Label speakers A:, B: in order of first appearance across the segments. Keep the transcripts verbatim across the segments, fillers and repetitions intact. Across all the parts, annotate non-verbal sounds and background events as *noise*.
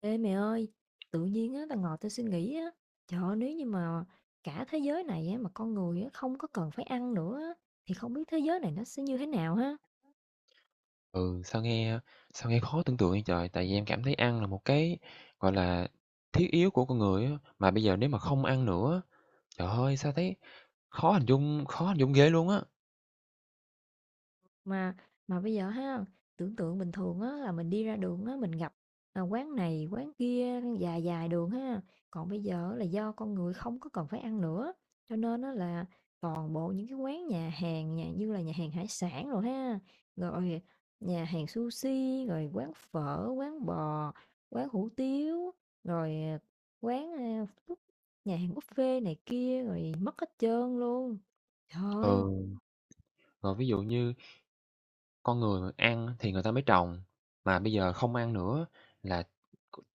A: Ê mẹ ơi, tự nhiên á, tao ngồi tao suy nghĩ á, trời ơi, nếu như mà cả thế giới này á, mà con người á, không có cần phải ăn nữa á, thì không biết thế giới này nó sẽ như thế nào ha?
B: Ừ, sao nghe sao nghe khó tưởng tượng vậy trời? Tại vì em cảm thấy ăn là một cái, gọi là, thiết yếu của con người á, mà bây giờ nếu mà không ăn nữa, trời ơi, sao thấy khó hình dung khó hình dung ghê luôn á.
A: Mà mà bây giờ ha, tưởng tượng bình thường á là mình đi ra đường á, mình gặp, à, quán này quán kia dài dài đường ha, còn bây giờ là do con người không có cần phải ăn nữa, cho nên á là toàn bộ những cái quán nhà hàng nhà như là nhà hàng hải sản rồi ha, rồi nhà hàng sushi, rồi quán phở, quán bò, quán hủ tiếu, rồi, à, quán, a, nhà hàng buffet này kia rồi mất hết trơn luôn. Trời
B: Ừ,
A: ơi!
B: rồi ví dụ như con người ăn thì người ta mới trồng, mà bây giờ không ăn nữa là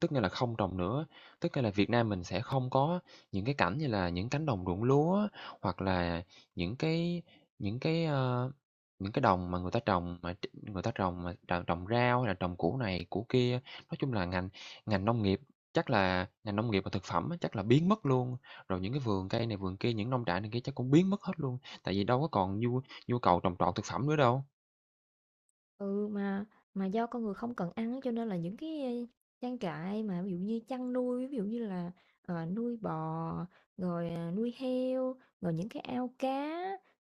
B: tức nghĩa là không trồng nữa. Tức nghĩa là Việt Nam mình sẽ không có những cái cảnh như là những cánh đồng ruộng lúa, hoặc là những cái những cái, ơ, những cái đồng mà người ta trồng mà tr người ta trồng mà tr trồng rau hay là trồng củ này củ kia. Nói chung là ngành ngành nông nghiệp, chắc là ngành nông nghiệp và thực phẩm á, chắc là biến mất luôn, rồi những cái vườn cây này vườn kia, những nông trại này kia chắc cũng biến mất hết luôn, tại vì đâu có còn nhu nhu cầu trồng trọt thực phẩm nữa đâu.
A: Ừ, mà mà do con người không cần ăn á, cho nên là những cái ờ, trang trại mà ví dụ như chăn nuôi, ví dụ như là, ờ, nuôi bò, rồi, à, nuôi heo, rồi những cái ao cá,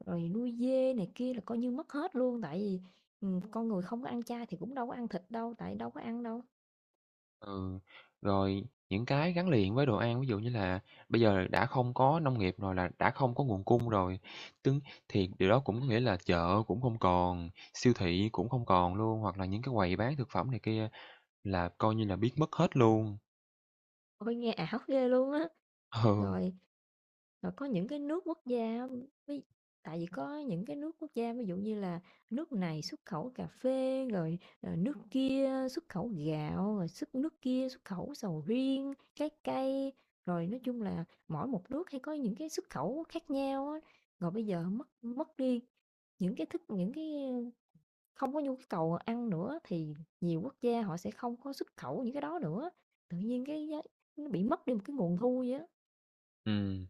A: rồi nuôi dê này kia là coi như mất hết luôn. Tại vì, ừm, con người không có ăn chay thì cũng đâu có ăn thịt đâu, tại đâu có ăn đâu.
B: Ừ, rồi những cái gắn liền với đồ ăn, ví dụ như là bây giờ đã không có nông nghiệp rồi, là đã không có nguồn cung rồi, tương thì điều đó cũng có nghĩa là chợ cũng không còn, siêu thị cũng không còn luôn, hoặc là những cái quầy bán thực phẩm này kia là coi như là biến mất hết luôn.
A: Ôi, nghe ảo ghê luôn á!
B: *laughs* Ừ,
A: Rồi rồi có những cái nước quốc gia á, ví tại vì có những cái nước quốc gia, ví dụ như là nước này xuất khẩu cà phê, rồi, ờ, nước kia xuất khẩu gạo, rồi xuất nước kia xuất khẩu sầu riêng, trái cây, rồi nói chung là mỗi một nước hay có những cái xuất khẩu khác nhau á. Rồi bây giờ mất mất đi những cái thức những cái không có nhu cầu ăn nữa thì nhiều quốc gia họ sẽ không có xuất khẩu những cái đó nữa, tự nhiên cái giá nó bị mất đi một cái nguồn thu vậy á.
B: ừm.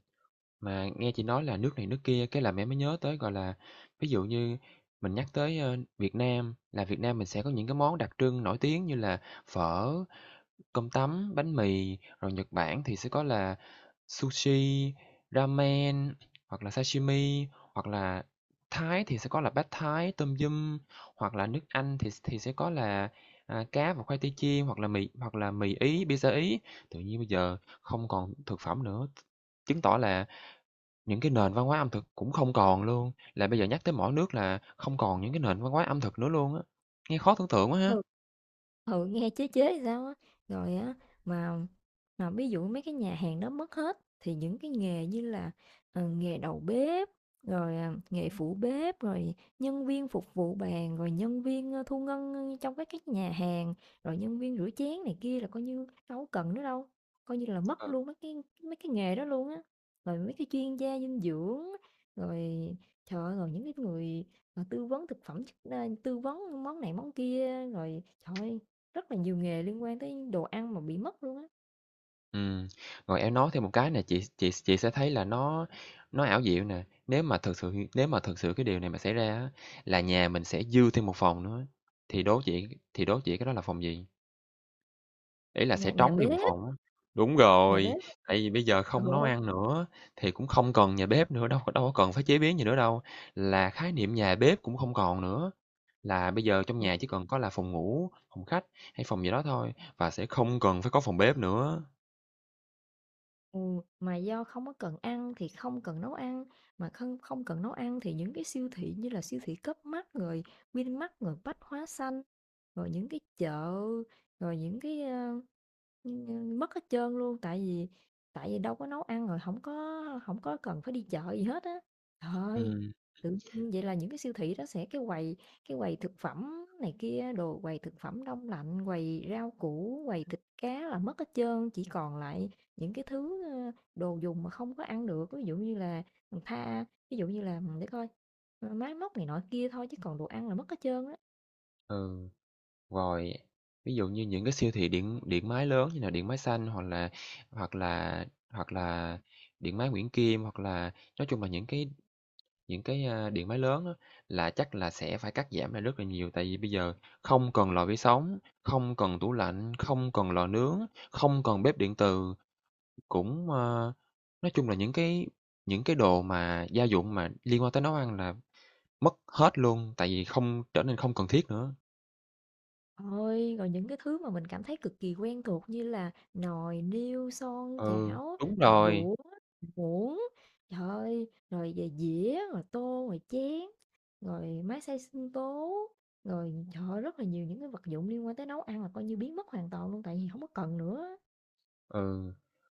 B: Mà nghe chị nói là nước này nước kia, cái là mẹ mới nhớ tới, gọi là, ví dụ như mình nhắc tới, ơ, Việt Nam, là Việt Nam mình sẽ có những cái món đặc trưng nổi tiếng như là phở, cơm tấm, bánh mì, rồi Nhật Bản thì sẽ có là sushi, ramen, hoặc là sashimi, hoặc là Thái thì sẽ có là bát Thái tôm yum, hoặc là nước Anh thì thì sẽ có là, à, cá và khoai tây chiên, hoặc là mì hoặc là mì Ý, pizza Ý. Tự nhiên bây giờ không còn thực phẩm nữa, chứng tỏ là những cái nền văn hóa ẩm thực cũng không còn luôn, là bây giờ nhắc tới mỗi nước là không còn những cái nền văn hóa ẩm thực nữa luôn á. Nghe khó tưởng tượng quá ha!
A: Ừ. Ừ, nghe chế chế sao á. Rồi á mà mà ví dụ mấy cái nhà hàng đó mất hết thì những cái nghề như là ờ, nghề đầu bếp rồi à, nghề phụ bếp rồi nhân viên phục vụ bàn rồi nhân viên ờ, thu ngân trong các cái nhà hàng rồi nhân viên rửa chén này kia là coi như đâu có cần nữa đâu, coi như là mất
B: Ừ.
A: luôn mấy cái mấy cái nghề đó luôn á, rồi mấy cái chuyên gia dinh dưỡng, rồi trời ơi, rồi những cái người ờ, tư vấn thực phẩm chức- ờ, tư vấn món này món kia, rồi trời ơi, rất là nhiều nghề liên quan tới đồ ăn mà bị mất luôn á.
B: Ừm, rồi em nói thêm một cái này chị chị chị sẽ thấy là nó nó ảo diệu nè. Nếu mà thực sự nếu mà thực sự cái điều này mà xảy ra á, là nhà mình sẽ dư thêm một phòng nữa, thì đố chị thì đố chị cái đó là phòng gì? Ý là sẽ
A: Nhà nhà
B: trống đi
A: bếp,
B: một phòng á. Đúng
A: nhà
B: rồi,
A: bếp.
B: tại vì bây giờ
A: Ừ,
B: không nấu
A: ừ,
B: ăn nữa, thì cũng không cần nhà bếp nữa, đâu có đâu có cần phải chế biến gì nữa đâu. Là khái niệm nhà bếp cũng không còn nữa, là bây giờ trong
A: ừ,
B: nhà chỉ cần có là phòng ngủ, phòng khách hay phòng gì đó thôi, và sẽ không cần phải có phòng bếp nữa.
A: ừ, mà do không có cần ăn thì không cần nấu ăn, mà không không cần nấu ăn thì những cái siêu thị như là siêu thị cấp Mart rồi Vinmart rồi Bách Hóa Xanh, rồi những cái chợ, rồi những cái, ơ, ưm, mất hết trơn luôn, tại vì tại vì đâu có nấu ăn rồi không có không có cần phải đi chợ gì hết á. Thôi.
B: Ừm,
A: Tự nhiên vậy là những cái siêu thị đó sẽ cái quầy cái quầy thực phẩm này kia, đồ quầy thực phẩm đông lạnh, quầy rau củ, quầy thịt cá là mất hết trơn, chỉ còn lại những cái thứ, ơ, đồ dùng mà không có ăn được. Ví dụ như là, ừm, tha ví dụ như là để coi, ờ, máy móc này nọ kia thôi chứ còn đồ ăn là mất hết trơn á.
B: ừ. Rồi, ví dụ như những cái siêu thị điện điện máy lớn như là Điện Máy Xanh, hoặc là hoặc là hoặc là Điện Máy Nguyễn Kim, hoặc là nói chung là những cái những cái, a, điện máy lớn á, là chắc là sẽ phải cắt giảm lại rất là nhiều. Tại vì bây giờ không cần lò vi sóng, không cần tủ lạnh, không cần lò nướng, không cần bếp điện từ, cũng, ơ nói chung là những cái những cái đồ mà gia dụng mà liên quan tới nấu ăn là mất hết luôn, tại vì không trở nên không cần thiết nữa.
A: Ôi, rồi những cái thứ mà mình cảm thấy cực kỳ quen thuộc như là nồi niêu, son
B: Ừ,
A: chảo,
B: đúng
A: rồi
B: rồi.
A: đũa, muỗng, trời ơi, rồi về dĩa, rồi tô, rồi chén, rồi máy xay sinh tố, rồi trời rất là nhiều những cái vật dụng liên quan tới nấu ăn là coi như biến mất hoàn toàn luôn tại vì hổng có cần nữa.
B: Ừ,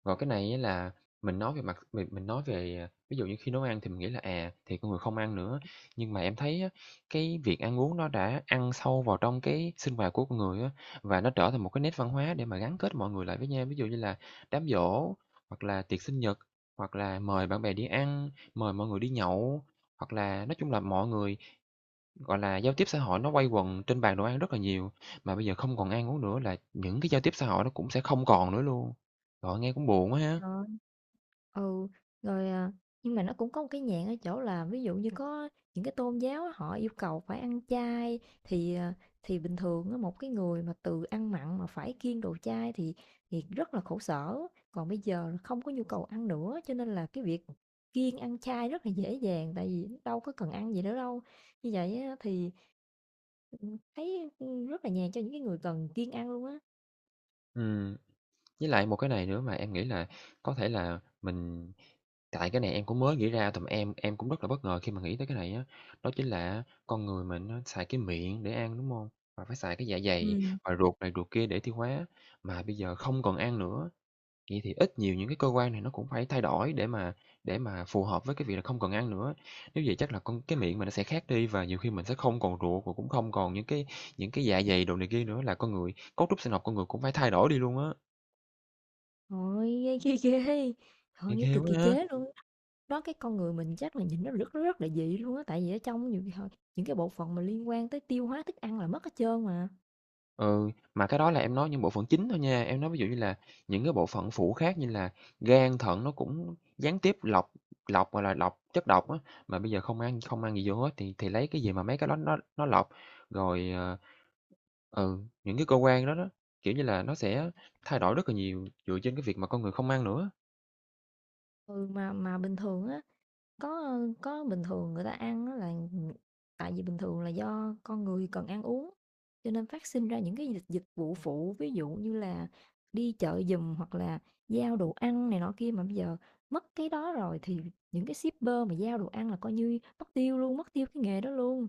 B: rồi cái này á là mình nói về mặt mình mình nói về, à, ví dụ như khi nấu ăn thì mình nghĩ là, à, thì con người không ăn nữa, nhưng mà em thấy á, cái việc ăn uống nó đã ăn sâu vào trong cái sinh hoạt của con người á, và nó trở thành một cái nét văn hóa để mà gắn kết mọi người lại với nhau. Ví dụ như là đám giỗ, hoặc là tiệc sinh nhật, hoặc là mời bạn bè đi ăn, mời mọi người đi nhậu, hoặc là nói chung là mọi người, gọi là, giao tiếp xã hội nó quay quần trên bàn đồ ăn rất là nhiều, mà bây giờ không còn ăn uống nữa là những cái giao tiếp xã hội nó cũng sẽ không còn nữa luôn. Trời nghe cũng buồn quá ha.
A: Rồi. Ừ, rồi, à, nhưng mà nó cũng có một cái nhạn ở chỗ là ví dụ như có những cái tôn giáo á, họ yêu cầu phải ăn chay thì, à, thì bình thường á, một cái người mà từ ăn mặn mà phải kiêng đồ chay thì thì rất là khổ sở, còn bây giờ là không có nhu cầu ăn nữa cho nên là cái việc kiêng ăn chay rất là dễ dàng tại vì đâu có cần ăn gì nữa đâu. Như vậy á thì Ừm, thấy, ưm, rất là nhàn cho những cái người cần kiêng ăn luôn á.
B: Ừm, với lại một cái này nữa mà em nghĩ là có thể là mình tại cái này em cũng mới nghĩ ra, tụi em em cũng rất là bất ngờ khi mà nghĩ tới cái này á, đó chính là con người mình nó xài cái miệng để ăn, đúng không? Và phải xài cái dạ dày
A: Ừm.
B: và ruột này ruột kia để tiêu hóa, mà bây giờ không còn ăn nữa. Vậy thì ít nhiều những cái cơ quan này nó cũng phải thay đổi để mà để mà phù hợp với cái việc là không cần ăn nữa. Nếu vậy chắc là con cái miệng mình nó sẽ khác đi, và nhiều khi mình sẽ không còn ruột và cũng không còn những cái những cái dạ dày đồ này kia nữa, là con người cấu trúc sinh học con người cũng phải thay đổi đi luôn á.
A: Ôi, nghe ghê ghê, trời
B: Nghe
A: ơi, nghe
B: ghê
A: cực
B: quá
A: kỳ
B: ha!
A: chế luôn á. Đó, cái con người mình chắc là nhìn nó rất rất là dị luôn á, tại vì ở trong nhiều khi họ những cái bộ phận mà liên quan tới tiêu hóa thức ăn là mất hết trơn mà.
B: Ừ, mà cái đó là em nói những bộ phận chính thôi nha, em nói ví dụ như là những cái bộ phận phụ khác như là gan, thận nó cũng gián tiếp lọc lọc, gọi là, lọc chất độc á, mà bây giờ không ăn không ăn gì vô hết thì thì lấy cái gì mà mấy cái đó nó nó lọc. Rồi, ờ, Ừ, những cái cơ quan đó đó, kiểu như là, nó sẽ thay đổi rất là nhiều dựa trên cái việc mà con người không ăn nữa.
A: Ừ, mà mà bình thường á, Có, có bình thường người ta ăn á là, tại vì bình thường là do con người cần ăn uống, cho nên phát sinh ra những cái dịch dịch vụ phụ, ví dụ như là đi chợ giùm hoặc là giao đồ ăn này nọ kia, mà bây giờ mất cái đó rồi thì những cái shipper mà giao đồ ăn là coi như mất tiêu luôn, mất tiêu cái nghề đó luôn.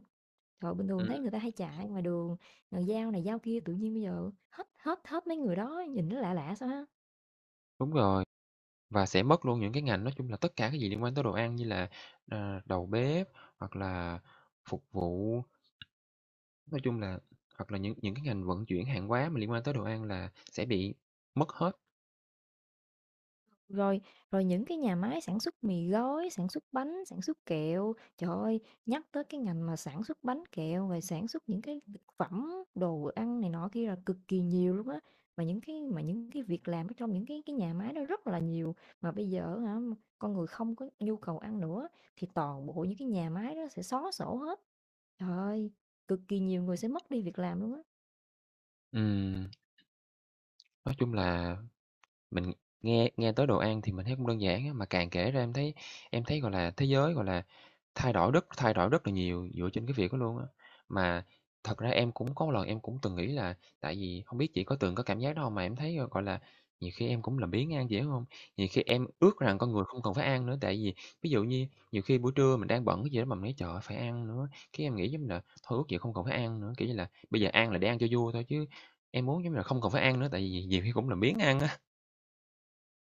A: Trời, bình thường
B: Ừm.
A: thấy người ta hay chạy ngoài đường, người giao này giao kia, tự nhiên bây giờ hết hết hết mấy người đó, nhìn nó lạ lạ sao ha.
B: Đúng rồi, và sẽ mất luôn những cái ngành, nói chung là tất cả cái gì liên quan tới đồ ăn như là, ờ, đầu bếp, hoặc là phục vụ, nói chung là hoặc là những những cái ngành vận chuyển hàng hóa mà liên quan tới đồ ăn là sẽ bị mất hết.
A: Rồi, rồi những cái nhà máy sản xuất mì gói, sản xuất bánh, sản xuất kẹo, trời ơi, nhắc tới cái ngành mà sản xuất bánh kẹo rồi sản xuất những cái thực phẩm, đồ ăn này nọ kia là cực kỳ nhiều luôn á. Mà những cái mà những cái việc làm ở trong những cái cái nhà máy đó rất là nhiều mà bây giờ hả, con người không có nhu cầu ăn nữa thì toàn bộ những cái nhà máy đó sẽ xóa sổ hết. Trời ơi, cực kỳ nhiều người sẽ mất đi việc làm luôn á.
B: Ừm, nói chung là mình nghe nghe tới đồ ăn thì mình thấy cũng đơn giản á, mà càng kể ra em thấy em thấy, gọi là, thế giới, gọi là, Thay đổi rất thay đổi rất là nhiều dựa trên cái việc đó luôn á. Mà thật ra em cũng có một lần em cũng từng nghĩ là, tại vì không biết chị có từng có cảm giác đó không? Mà em thấy, ờ, gọi là, nhiều khi em cũng làm biếng ăn, chị hiểu hông? Nhiều khi em ước rằng con người không cần phải ăn nữa, tại vì ví dụ như nhiều khi buổi trưa mình đang bận cái gì đó mà mình nói "Trời ơi, phải ăn nữa", cái em nghĩ giống như là thôi ước gì không cần phải ăn nữa, kiểu như là, bây giờ ăn là để ăn cho vui thôi, chứ em muốn giống như là không cần phải ăn nữa, tại vì nhiều khi cũng làm biếng ăn á.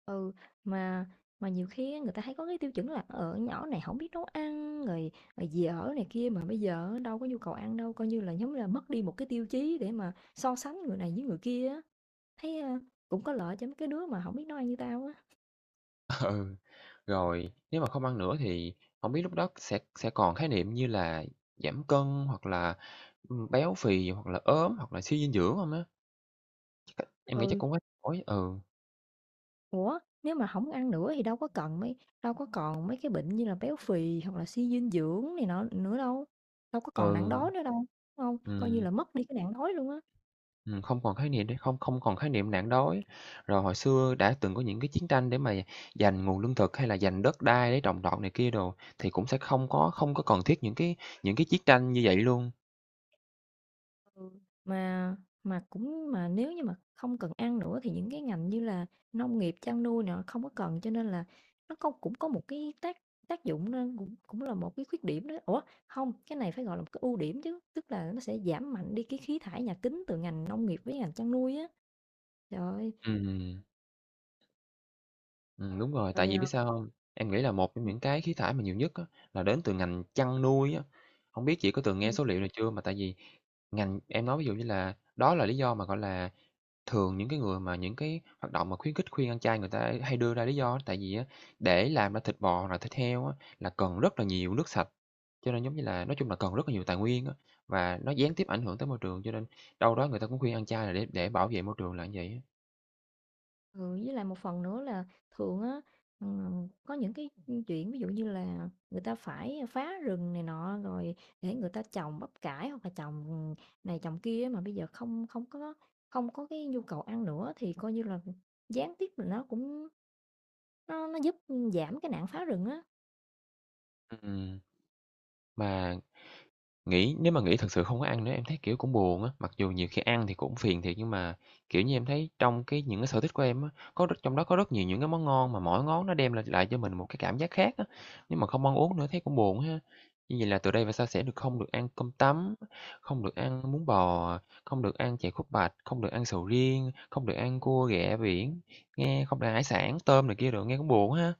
A: Ừ, mà mà nhiều khi á, người ta hay có cái tiêu chuẩn là ở nhỏ này không biết nấu ăn rồi, rồi dì ở này kia, mà bây giờ đâu có nhu cầu ăn đâu, coi như là giống như là mất đi một cái tiêu chí để mà so sánh người này với người kia á, thấy, a, cũng có lợi cho mấy cái đứa mà không biết nấu ăn như tao á.
B: Ừ, rồi nếu mà không ăn nữa thì không biết lúc đó sẽ sẽ còn khái niệm như là giảm cân hoặc là, ừm, béo phì hoặc là ốm hoặc là suy dinh dưỡng hông á? Chắc em nghĩ chắc
A: Ừ,
B: cũng quá đổi. Ừ,
A: ủa, nếu mà không ăn nữa thì đâu có cần mấy đâu có còn mấy cái bệnh như là béo phì hoặc là suy dinh dưỡng này nọ nữa đâu, đâu có còn nạn
B: ừ, ờ.
A: đói nữa đâu, đúng hông? Coi như
B: Ừm,
A: là mất đi cái nạn đói luôn á.
B: ừm, không còn khái niệm để không không còn khái niệm nạn đói. Rồi hồi xưa đã từng có những cái chiến tranh để mà giành nguồn lương thực, hay là giành đất đai để trồng trọt này kia đồ, thì cũng sẽ không có không có cần thiết những cái những cái chiến tranh như vậy luôn.
A: Ừ, mà mà cũng mà nếu như mà không cần ăn nữa thì những cái ngành như là nông nghiệp, chăn nuôi nữa không có cần, cho nên là nó có cũng có một cái tác tác dụng, nên cũng cũng là một cái khuyết điểm đó. Ủa, không, cái này phải gọi là một cái ưu điểm chứ, tức là nó sẽ giảm mạnh đi cái khí thải nhà kính từ ngành nông nghiệp với ngành chăn nuôi á. Trời ơi,
B: Ừm. Ừm, đúng rồi, tại
A: rồi
B: vì biết
A: à,
B: sao không? Em nghĩ là một trong những cái khí thải mà nhiều nhất á, là đến từ ngành chăn nuôi á. Không biết chị có từng
A: ừ.
B: nghe số liệu này chưa? Mà tại vì ngành em nói ví dụ như là đó là lý do mà, gọi là, thường những cái người mà những cái hoạt động mà khuyến khích khuyên ăn chay, người ta hay đưa ra lý do á, tại vì á, để làm ra thịt bò hoặc là thịt heo á, là cần rất là nhiều nước sạch, cho nên giống như là nói chung là cần rất là nhiều tài nguyên á, và nó gián tiếp ảnh hưởng tới môi trường, cho nên đâu đó người ta cũng khuyên ăn chay là để để bảo vệ môi trường là như vậy á.
A: Ừ, với lại một phần nữa là thường á, ừm, có những cái chuyện ví dụ như là người ta phải phá rừng này nọ rồi để người ta trồng bắp cải hoặc là trồng này trồng kia mà bây giờ không không có không có cái nhu cầu ăn nữa thì coi như là gián tiếp là nó cũng nó nó giúp giảm cái nạn phá rừng á.
B: Ừm, mà nghĩ nếu mà nghĩ thật sự không có ăn nữa em thấy, kiểu, cũng buồn á, mặc dù nhiều khi ăn thì cũng phiền thiệt nhưng mà, kiểu như, em thấy trong cái những cái sở thích của em á, có rất trong đó có rất nhiều những cái món ngon mà mỗi ngón nó đem lại lại cho mình một cái cảm giác khác á, nếu mà không ăn uống nữa thấy cũng buồn ha. Như vậy là từ đây về sau sẽ được không được ăn cơm tấm, không được ăn bún bò, không được ăn chè khúc bạch, không được ăn sầu riêng, không được ăn cua ghẹ biển, nghe không được ăn hải sản, tôm này kia đồ nghe cũng buồn ha.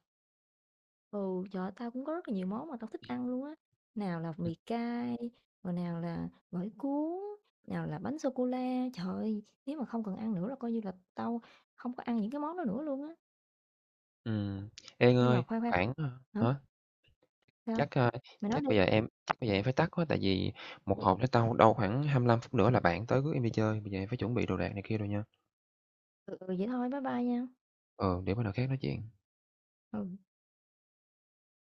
A: Ừ, trời ơi, tao cũng có rất là nhiều món mà tao thích ăn luôn á. Nào là
B: Ừm,
A: mì cay, rồi nào là gỏi cuốn, nào là bánh sô cô la. Trời ơi, nếu mà không cần ăn nữa là coi như là tao không có ăn những cái món đó nữa luôn á.
B: ừm. Ê,
A: Nhưng mà
B: Ngơi,
A: khoan khoan,
B: khoảng, ờ,
A: hả?
B: hả?
A: Sao?
B: Chắc, a,
A: Mày nói
B: chắc
A: đi.
B: bây giờ em chắc bây giờ em phải tắt quá, tại vì một hộp nó tao đâu khoảng hai mươi lăm phút nữa là bạn tới rước em đi chơi, bây giờ em phải chuẩn bị đồ đạc này kia rồi nha.
A: Ừ, ừ, vậy thôi, bye bye nha.
B: Ờ để bữa nào khác nói chuyện.
A: Ừ.